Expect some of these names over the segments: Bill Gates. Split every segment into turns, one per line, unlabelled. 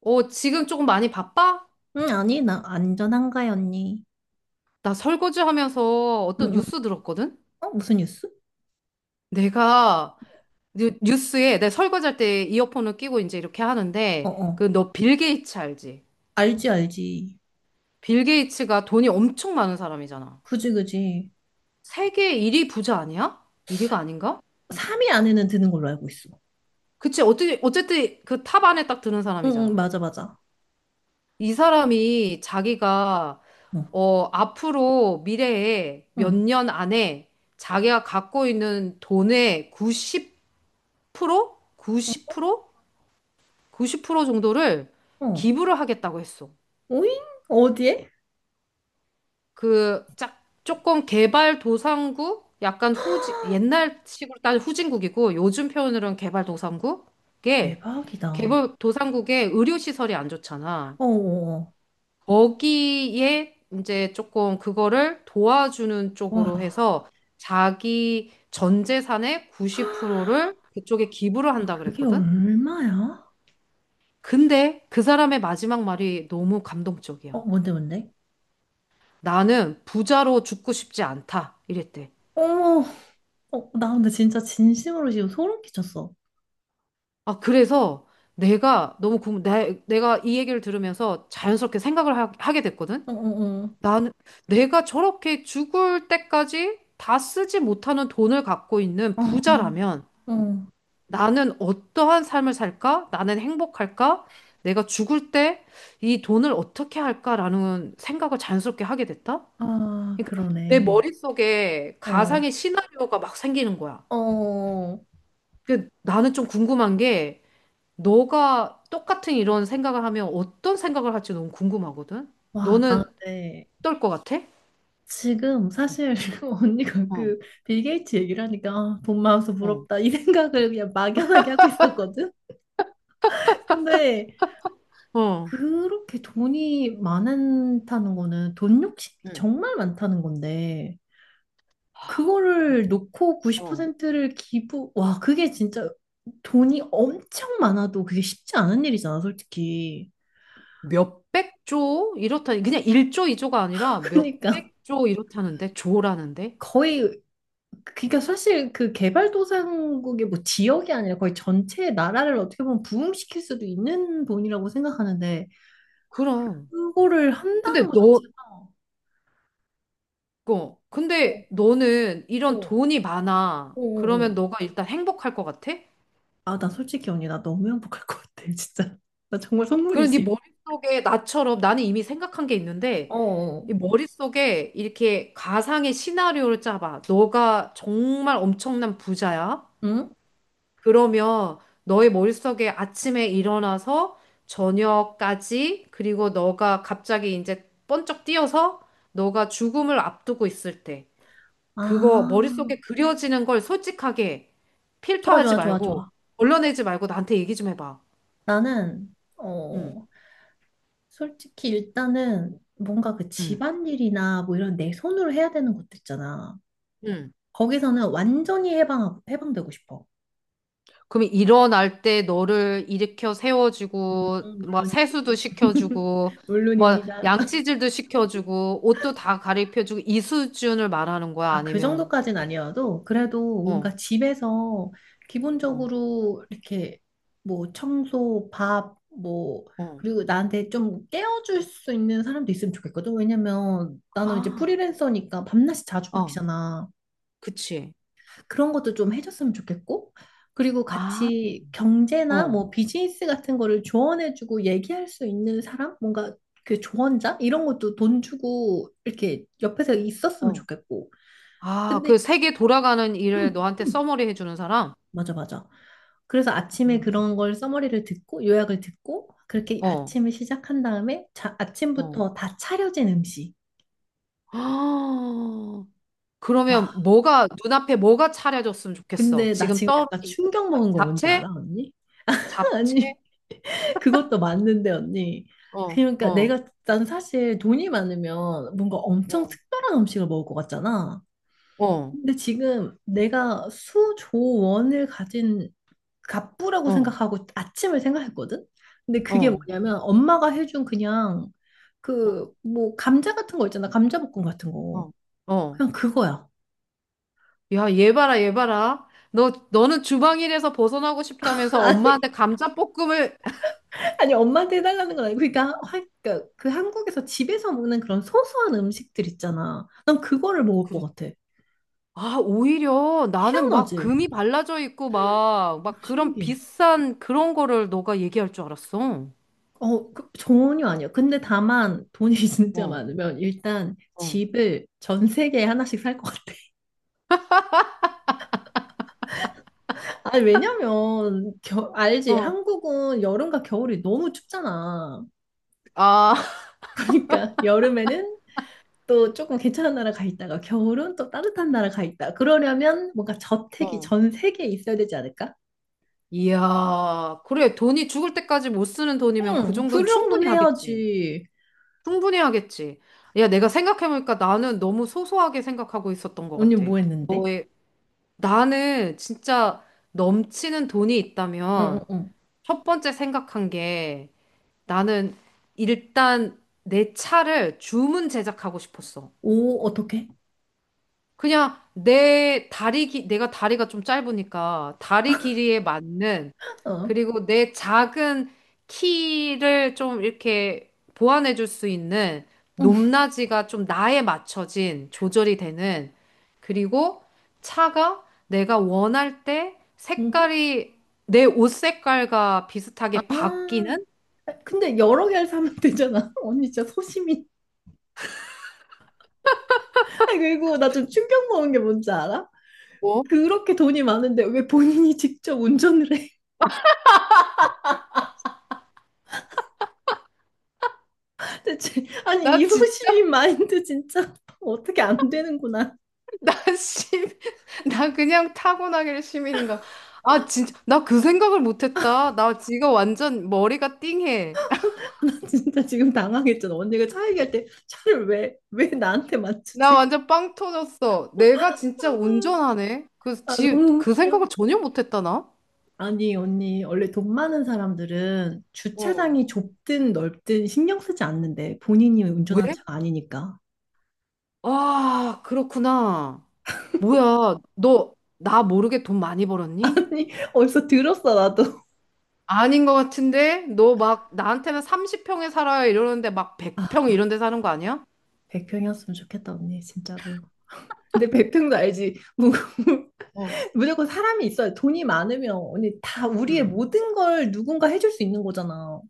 지금 조금 많이 바빠?
응, 아니, 나 안전한가요, 언니?
나 설거지 하면서
응,
어떤
응.
뉴스 들었거든?
어, 무슨 뉴스?
내가 뉴스에 내 설거지할 때 이어폰을 끼고 이제 이렇게
어,
하는데
어.
그 너 빌 게이츠 알지?
알지, 알지.
빌 게이츠가 돈이 엄청 많은 사람이잖아.
그지, 그지.
세계 1위 부자 아니야? 1위가 아닌가?
3위 안에는 드는 걸로 알고 있어.
그치, 어떻게, 어쨌든 그 탑 안에 딱 드는
응, 응,
사람이잖아.
맞아, 맞아.
이 사람이 자기가
응,
앞으로 미래에 몇
응,
년 안에 자기가 갖고 있는 돈의 90
응,
90%? 90%? 90% 정도를
어.
기부를 하겠다고 했어.
오잉? 어디에?
조금 개발도상국? 약간 후진 옛날식으로 따지면 후진국이고, 요즘 표현으로는 개발도상국에,
대박이다. 어,
개발도상국에 의료시설이 안 좋잖아.
어, 어.
거기에 이제 조금 그거를 도와주는 쪽으로
와.
해서 자기 전 재산의 90%를 그쪽에 기부를
아,
한다
그게
그랬거든?
얼마야?
근데 그 사람의 마지막 말이 너무
어,
감동적이야.
뭔데, 뭔데?
나는 부자로 죽고 싶지 않다. 이랬대.
어머, 어, 나 근데 진짜 진심으로 지금 소름 끼쳤어.
아, 그래서 내가 너무 내가 이 얘기를 들으면서 자연스럽게 생각을 하게 됐거든?
어, 어, 어.
나는 내가 저렇게 죽을 때까지 다 쓰지 못하는 돈을 갖고 있는
어,
부자라면
어.
나는 어떠한 삶을 살까? 나는 행복할까? 내가 죽을 때 이 돈을 어떻게 할까라는 생각을 자연스럽게 하게 됐다?
아,
그러니까 내
그러네.
머릿속에
어,
가상의 시나리오가 막 생기는 거야.
어.
그 나는 좀 궁금한 게 너가 똑같은 이런 생각을 하면 어떤 생각을 할지 너무 궁금하거든.
와, 나,
너는
네.
어떨 것 같아?
지금 사실 언니가
어,
그 빌 게이츠 얘기를 하니까 아, 돈 많아서
어,
부럽다 이 생각을 그냥 막연하게 하고 있었거든. 근데
어.
그렇게 돈이 많다는 거는 돈 욕심이
응,
정말 많다는 건데
아,
그거를 놓고
어,
90%를 기부, 와, 그게 진짜 돈이 엄청 많아도 그게 쉽지 않은 일이잖아, 솔직히.
몇백 조 이렇다. 그냥 1조, 2조가 아니라
그러니까
몇백 조 이렇다는데 조라는데.
거의 그러니까 사실 그 개발도상국의 뭐 지역이 아니라 거의 전체 나라를 어떻게 보면 부흥시킬 수도 있는 돈이라고 생각하는데
그럼.
그거를
근데
한다는 것
너,
자체가 어,
근데 너는
어,
이런 돈이 많아.
어, 어. 어.
그러면 너가 일단 행복할 것 같아?
아, 나 솔직히 언니 나 너무 행복할 것 같아 진짜 나 정말
그런 네
선물이지.
머릿속에 나처럼 나는 이미 생각한 게 있는데
어, 어.
이 머릿속에 이렇게 가상의 시나리오를 짜봐. 너가 정말 엄청난 부자야.
응?
그러면 너의 머릿속에 아침에 일어나서 저녁까지 그리고 너가 갑자기 이제 번쩍 뛰어서 너가 죽음을 앞두고 있을 때 그거
아,
머릿속에 그려지는 걸 솔직하게
좋아
필터하지
좋아 좋아
말고
좋아.
걸러내지 말고 나한테 얘기 좀 해봐.
나는
응,
솔직히 일단은 뭔가 그
응,
집안일이나 뭐 이런 내 손으로 해야 되는 것도 있잖아.
응.
거기서는 완전히 해방되고 싶어.
그럼 일어날 때 너를 일으켜
음,
세워주고, 뭐
물론이지.
세수도 시켜주고, 뭐
물론입니다.
양치질도 시켜주고, 옷도 다 가리켜주고, 이 수준을 말하는 거야?
아, 그
아니면,
정도까진 아니어도 그래도
어,
뭔가 집에서
어,
기본적으로 이렇게 뭐 청소, 밥, 뭐
어.
그리고 나한테 좀 깨워줄 수 있는 사람도 있으면 좋겠거든. 왜냐면 나는 이제
아,
프리랜서니까 밤낮이 자주
어,
바뀌잖아.
그치.
그런 것도 좀 해줬으면 좋겠고, 그리고
아,
같이 경제나
어,
뭐 비즈니스 같은 거를 조언해주고 얘기할 수 있는 사람? 뭔가 그 조언자? 이런 것도 돈 주고 이렇게 옆에서 있었으면
어.
좋겠고.
아,
근데,
그 세계 돌아가는 일을
음,
너한테
음,
써머리 해주는 사람?
맞아, 맞아. 그래서 아침에 그런
음.
걸 써머리를 듣고 요약을 듣고 그렇게
어,
아침을 시작한 다음에 자,
어.
아침부터 다 차려진 음식.
아, 그러면
와,
뭐가, 눈앞에 뭐가 차려졌으면 좋겠어?
근데 나
지금
지금
떠오르는
약간 충격 먹은 거 뭔지
잡채?
알아, 언니?
잡채?
아니. 그것도 맞는데 언니.
어,
그러니까
어,
내가 난 사실 돈이 많으면 뭔가 엄청
어,
특별한 음식을 먹을 것 같잖아.
어,
근데 지금 내가 수조원을 가진 갑부라고
어,
생각하고 아침을 생각했거든. 근데 그게
어,
뭐냐면 엄마가 해준 그냥
어,
그 뭐 감자 같은 거 있잖아. 감자볶음 같은 거.
어. 어.
그냥 그거야.
야, 얘 봐라, 얘 봐라. 너는 주방일에서 벗어나고 싶다면서
아니,
엄마한테 감자볶음을.
아니 엄마한테 해달라는 건 아니고 그러니까 그 한국에서 집에서 먹는 그런 소소한 음식들 있잖아. 난 그거를 먹을 것
그래.
같아.
아, 오히려 나는 막
희한하지?
금이 발라져 있고 막, 막 그런
신기해.
비싼 그런 거를 너가 얘기할 줄 알았어.
전혀 아니야. 근데 다만 돈이 진짜
어,
많으면 일단
어,
집을 전 세계에 하나씩 살 것 같아. 아니, 왜냐면, 알지?
어.
한국은 여름과 겨울이 너무 춥잖아.
아,
그러니까 여름에는 또 조금 괜찮은 나라 가 있다가 겨울은 또 따뜻한 나라 가 있다. 그러려면 뭔가 저택이
어.
전 세계에 있어야 되지 않을까?
이야, 그래. 돈이 죽을 때까지 못 쓰는 돈이면 그
응, 그
정도는 충분히
정도는
하겠지.
해야지.
충분히 하겠지. 야, 내가 생각해보니까 나는 너무 소소하게 생각하고 있었던 것
언니
같아.
뭐 했는데?
나는 진짜 넘치는 돈이
응, 응,
있다면
응.
첫 번째 생각한 게 나는 일단 내 차를 주문 제작하고 싶었어.
오, 어떻게?
그냥 내가 다리가 좀 짧으니까 다리 길이에 맞는
어.
그리고 내 작은 키를 좀 이렇게 보완해 줄 수 있는
응.
높낮이가 좀 나에 맞춰진 조절이 되는 그리고 차가 내가 원할 때
응.
색깔이 내 옷 색깔과 비슷하게
아,
바뀌는
근데 여러 개를 사면 되잖아. 언니 진짜 소심이. 아, 그리고 나 좀 충격 먹은 게 뭔지 알아?
뭐?
그렇게 돈이 많은데 왜 본인이 직접 운전을 해? 대체, 아니,
나
이
진짜
소심이 마인드 진짜 어떻게 안 되는구나.
나 시민, 나 그냥 타고나길 시민인가. 아, 진짜, 나 그 생각을 못했다. 나 지금 완전 머리가 띵해.
나 진짜 지금 당황했잖아. 언니가 차 얘기할 때 차를 왜 나한테
나
맞추지?
완전 빵 터졌어. 내가
아,
진짜 운전하네.
아, 너무
그
웃겨.
생각을 전혀 못했다, 나.
아니, 언니, 원래 돈 많은 사람들은
어.
주차장이 좁든 넓든 신경 쓰지 않는데 본인이 운전하는
왜?
차가 아니니까.
아, 그렇구나. 뭐야, 너, 나 모르게 돈 많이 벌었니?
아니, 어디서 들었어, 나도.
아닌 것 같은데? 너 막, 나한테는 30평에 살아요 이러는데 막
아,
100평 이런 데 사는 거 아니야?
100평이었으면 좋겠다, 언니, 진짜로. 근데 100평도 알지.
어.
무조건 사람이 있어야 돈이 많으면 언니 다 우리의 모든 걸 누군가 해줄 수 있는 거잖아.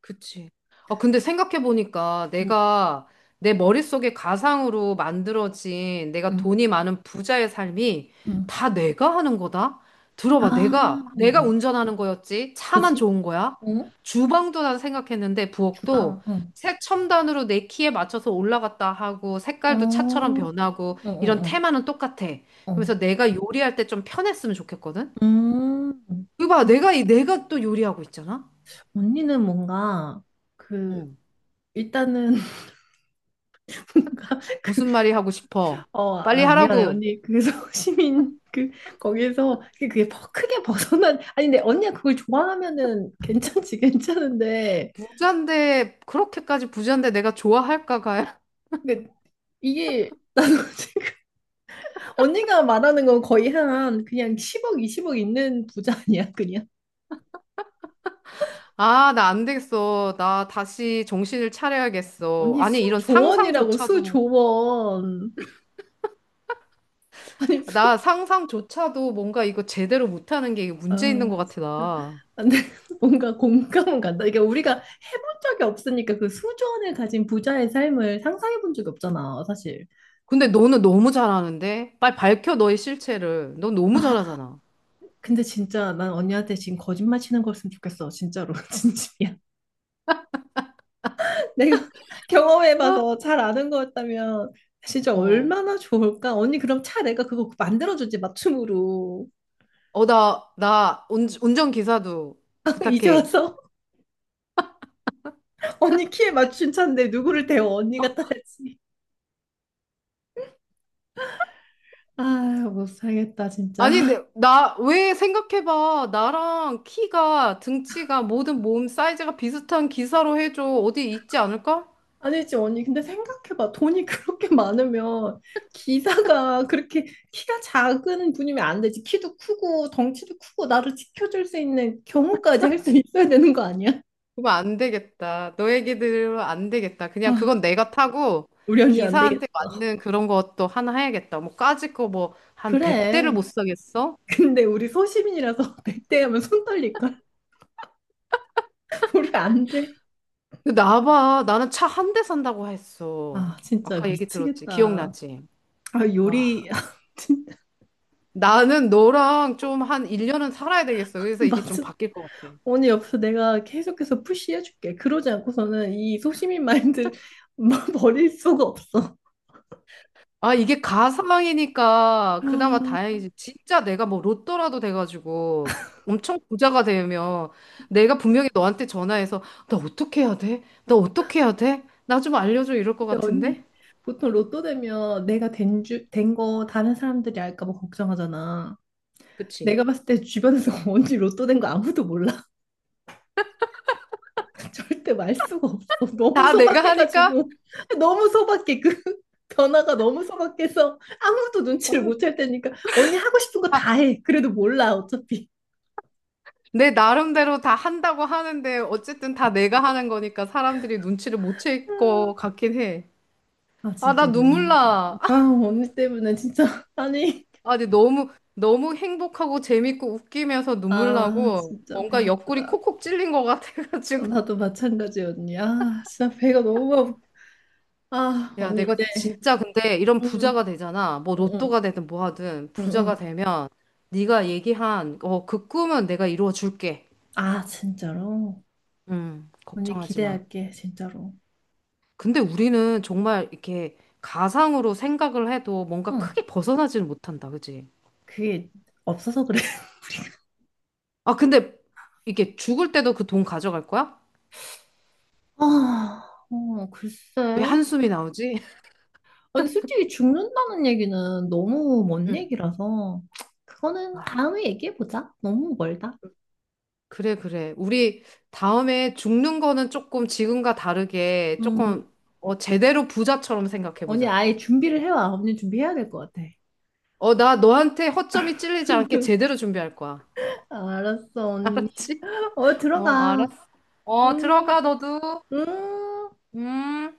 그치. 아, 근데 생각해보니까
응,
내가 내 머릿속에 가상으로 만들어진 내가
응,
돈이 많은 부자의 삶이
응.
다 내가 하는 거다? 들어봐.
아,
내가,
응,
내가
응.
운전하는 거였지. 차만
그지?
좋은 거야.
응?
주방도 난 생각했는데, 부엌도
주방, 응.
색 첨단으로 내 키에 맞춰서 올라갔다 하고,
어,
색깔도 차처럼 변하고,
응,
이런
응,
테마는 똑같아.
응.
그래서
어.
내가 요리할 때 좀 편했으면 좋겠거든?
음,
이거 봐. 내가 또 요리하고 있잖아?
언니는 뭔가 그 일단은 뭔가 그
무슨 말이 하고 싶어? 빨리
아, 미안해,
하라고.
언니. 그래서 시민, 그, 거기에서, 그게 크게 벗어난, 아니, 근데 언니가 그걸 좋아하면은 괜찮지, 괜찮은데.
부잔데, 그렇게까지 부잔데 내가 좋아할까, 가야?
근데 이게, 나도 지금, 언니가 말하는 건 거의 한, 그냥 10억, 20억 있는 부자 아니야, 그냥.
아, 나 안 되겠어. 나 다시 정신을 차려야겠어.
언니
아니, 이런
수조원이라고,
상상조차도,
수조원. 아니,
나 상상조차도 뭔가 이거 제대로 못하는 게 이게 문제 있는 것
아,
같아,
진짜.
나.
근데 뭔가 공감은 간다. 이게 우리가 해본 적이 없으니까 그 수조원을 가진 부자의 삶을 상상해 본 적이 없잖아, 사실.
근데 너는 너무 잘하는데? 빨리 밝혀, 너의 실체를. 넌 너무
아,
잘하잖아.
근데 진짜 난 언니한테 지금 거짓말 치는 거였으면 좋겠어. 진짜로. 진심이야. 내가
아,
경험해봐서 잘 아는 거였다면 진짜
어.
얼마나 좋을까? 언니 그럼 차 내가 그거 만들어주지 맞춤으로.
나 운전기사도
이제
부탁해.
와서 언니 키에 맞춘 차인데 누구를 대워 언니가 타야지. 아, 못 살겠다 진짜.
아니, 근데 왜 생각해봐. 나랑 키가, 등치가, 모든 몸 사이즈가 비슷한 기사로 해줘. 어디 있지 않을까?
아니지, 언니. 근데 생각해봐. 돈이 그렇게 많으면 기사가 그렇게 키가 작은 분이면 안 되지. 키도 크고 덩치도 크고 나를 지켜줄 수 있는 경우까지 할 수 있어야 되는 거 아니야?
그러면 안 되겠다. 너 얘기 들으면 안 되겠다. 그냥 그건
아,
내가 타고
우리 언니 안 되겠어.
기사한테 맞는 그런 것도 하나 해야겠다. 뭐 까짓 거 뭐 한 100대를 못
그래.
사겠어?
근데 우리 소시민이라서 100대 하면 손 떨릴걸? 우리 안 돼.
나 봐. 나는 차 한 대 산다고 했어.
아, 진짜
아까 얘기 들었지.
미치겠다.
기억나지?
아,
와,
요리. 진짜
나는 너랑 좀 한 1년은 살아야 되겠어. 그래서 이게 좀
맞아.
바뀔 것 같아.
언니 옆에서 내가 계속해서 푸시해줄게. 그러지 않고서는 이 소시민 마인드를 버릴 수가 없어.
아, 이게 가상이니까 그나마
아,
다행이지. 진짜 내가 뭐 로또라도 돼가지고 엄청 부자가 되면 내가 분명히 너한테 전화해서 나 어떻게 해야 돼? 나 어떻게 해야 돼? 나 좀 알려줘 이럴 것
근데
같은데?
언니 보통 로또 되면 내가 된 거 다른 사람들이 알까 봐 걱정하잖아.
그치?
내가 봤을 때 주변에서 언니 로또 된 거 아무도 몰라. 절대 말 수가 없어. 너무
다 내가 하니까
소박해가지고 너무 소박해. 그 변화가 너무 소박해서 아무도 눈치를 못챌 테니까 언니 하고 싶은 거
아,
다 해. 그래도 몰라 어차피.
내 나름대로 다 한다고 하는데 어쨌든 다 내가 하는 거니까 사람들이 눈치를 못챌
아,
것 같긴 해.
아
아, 나
진짜
눈물
너무 웃긴다.
나.
아 언니 때문에 진짜 아니.
아, 근데 너무, 너무 행복하고 재밌고 웃기면서 눈물
아
나고
진짜 배
뭔가 옆구리
아프다.
콕콕 찔린 것 같아가지고.
나도 마찬가지 언니. 아 진짜 배가 너무 아프. 아
야,
언니
내가
이제
진짜 근데 이런
응
부자가 되잖아. 뭐
응 응
로또가 되든 뭐 하든 부자가
응응.
되면 네가 얘기한 그 꿈은 내가 이루어 줄게.
아 진짜로 언니
걱정하지 마.
기대할게 진짜로.
근데 우리는 정말 이렇게 가상으로 생각을 해도 뭔가
응
크게 벗어나지는 못한다. 그지?
그게 없어서 그래.
아, 근데 이게 죽을 때도 그 돈 가져갈 거야?
아, 어,
왜
글쎄.
한숨이 나오지?
아니, 솔직히 죽는다는 얘기는 너무 먼
응.
얘기라서, 그거는 다음에 얘기해보자. 너무 멀다.
그래, 그래. 우리 다음에 죽는 거는 조금 지금과 다르게
음.
제대로 부자처럼
언니
생각해보자.
아예 준비를 해와. 언니 준비해야 될 것 같아.
나 너한테 허점이 찔리지 않게 제대로 준비할 거야.
알았어, 언니.
알았지?
어,
어,
들어가.
알았어. 어,
음,
들어가, 너도.
음.
음.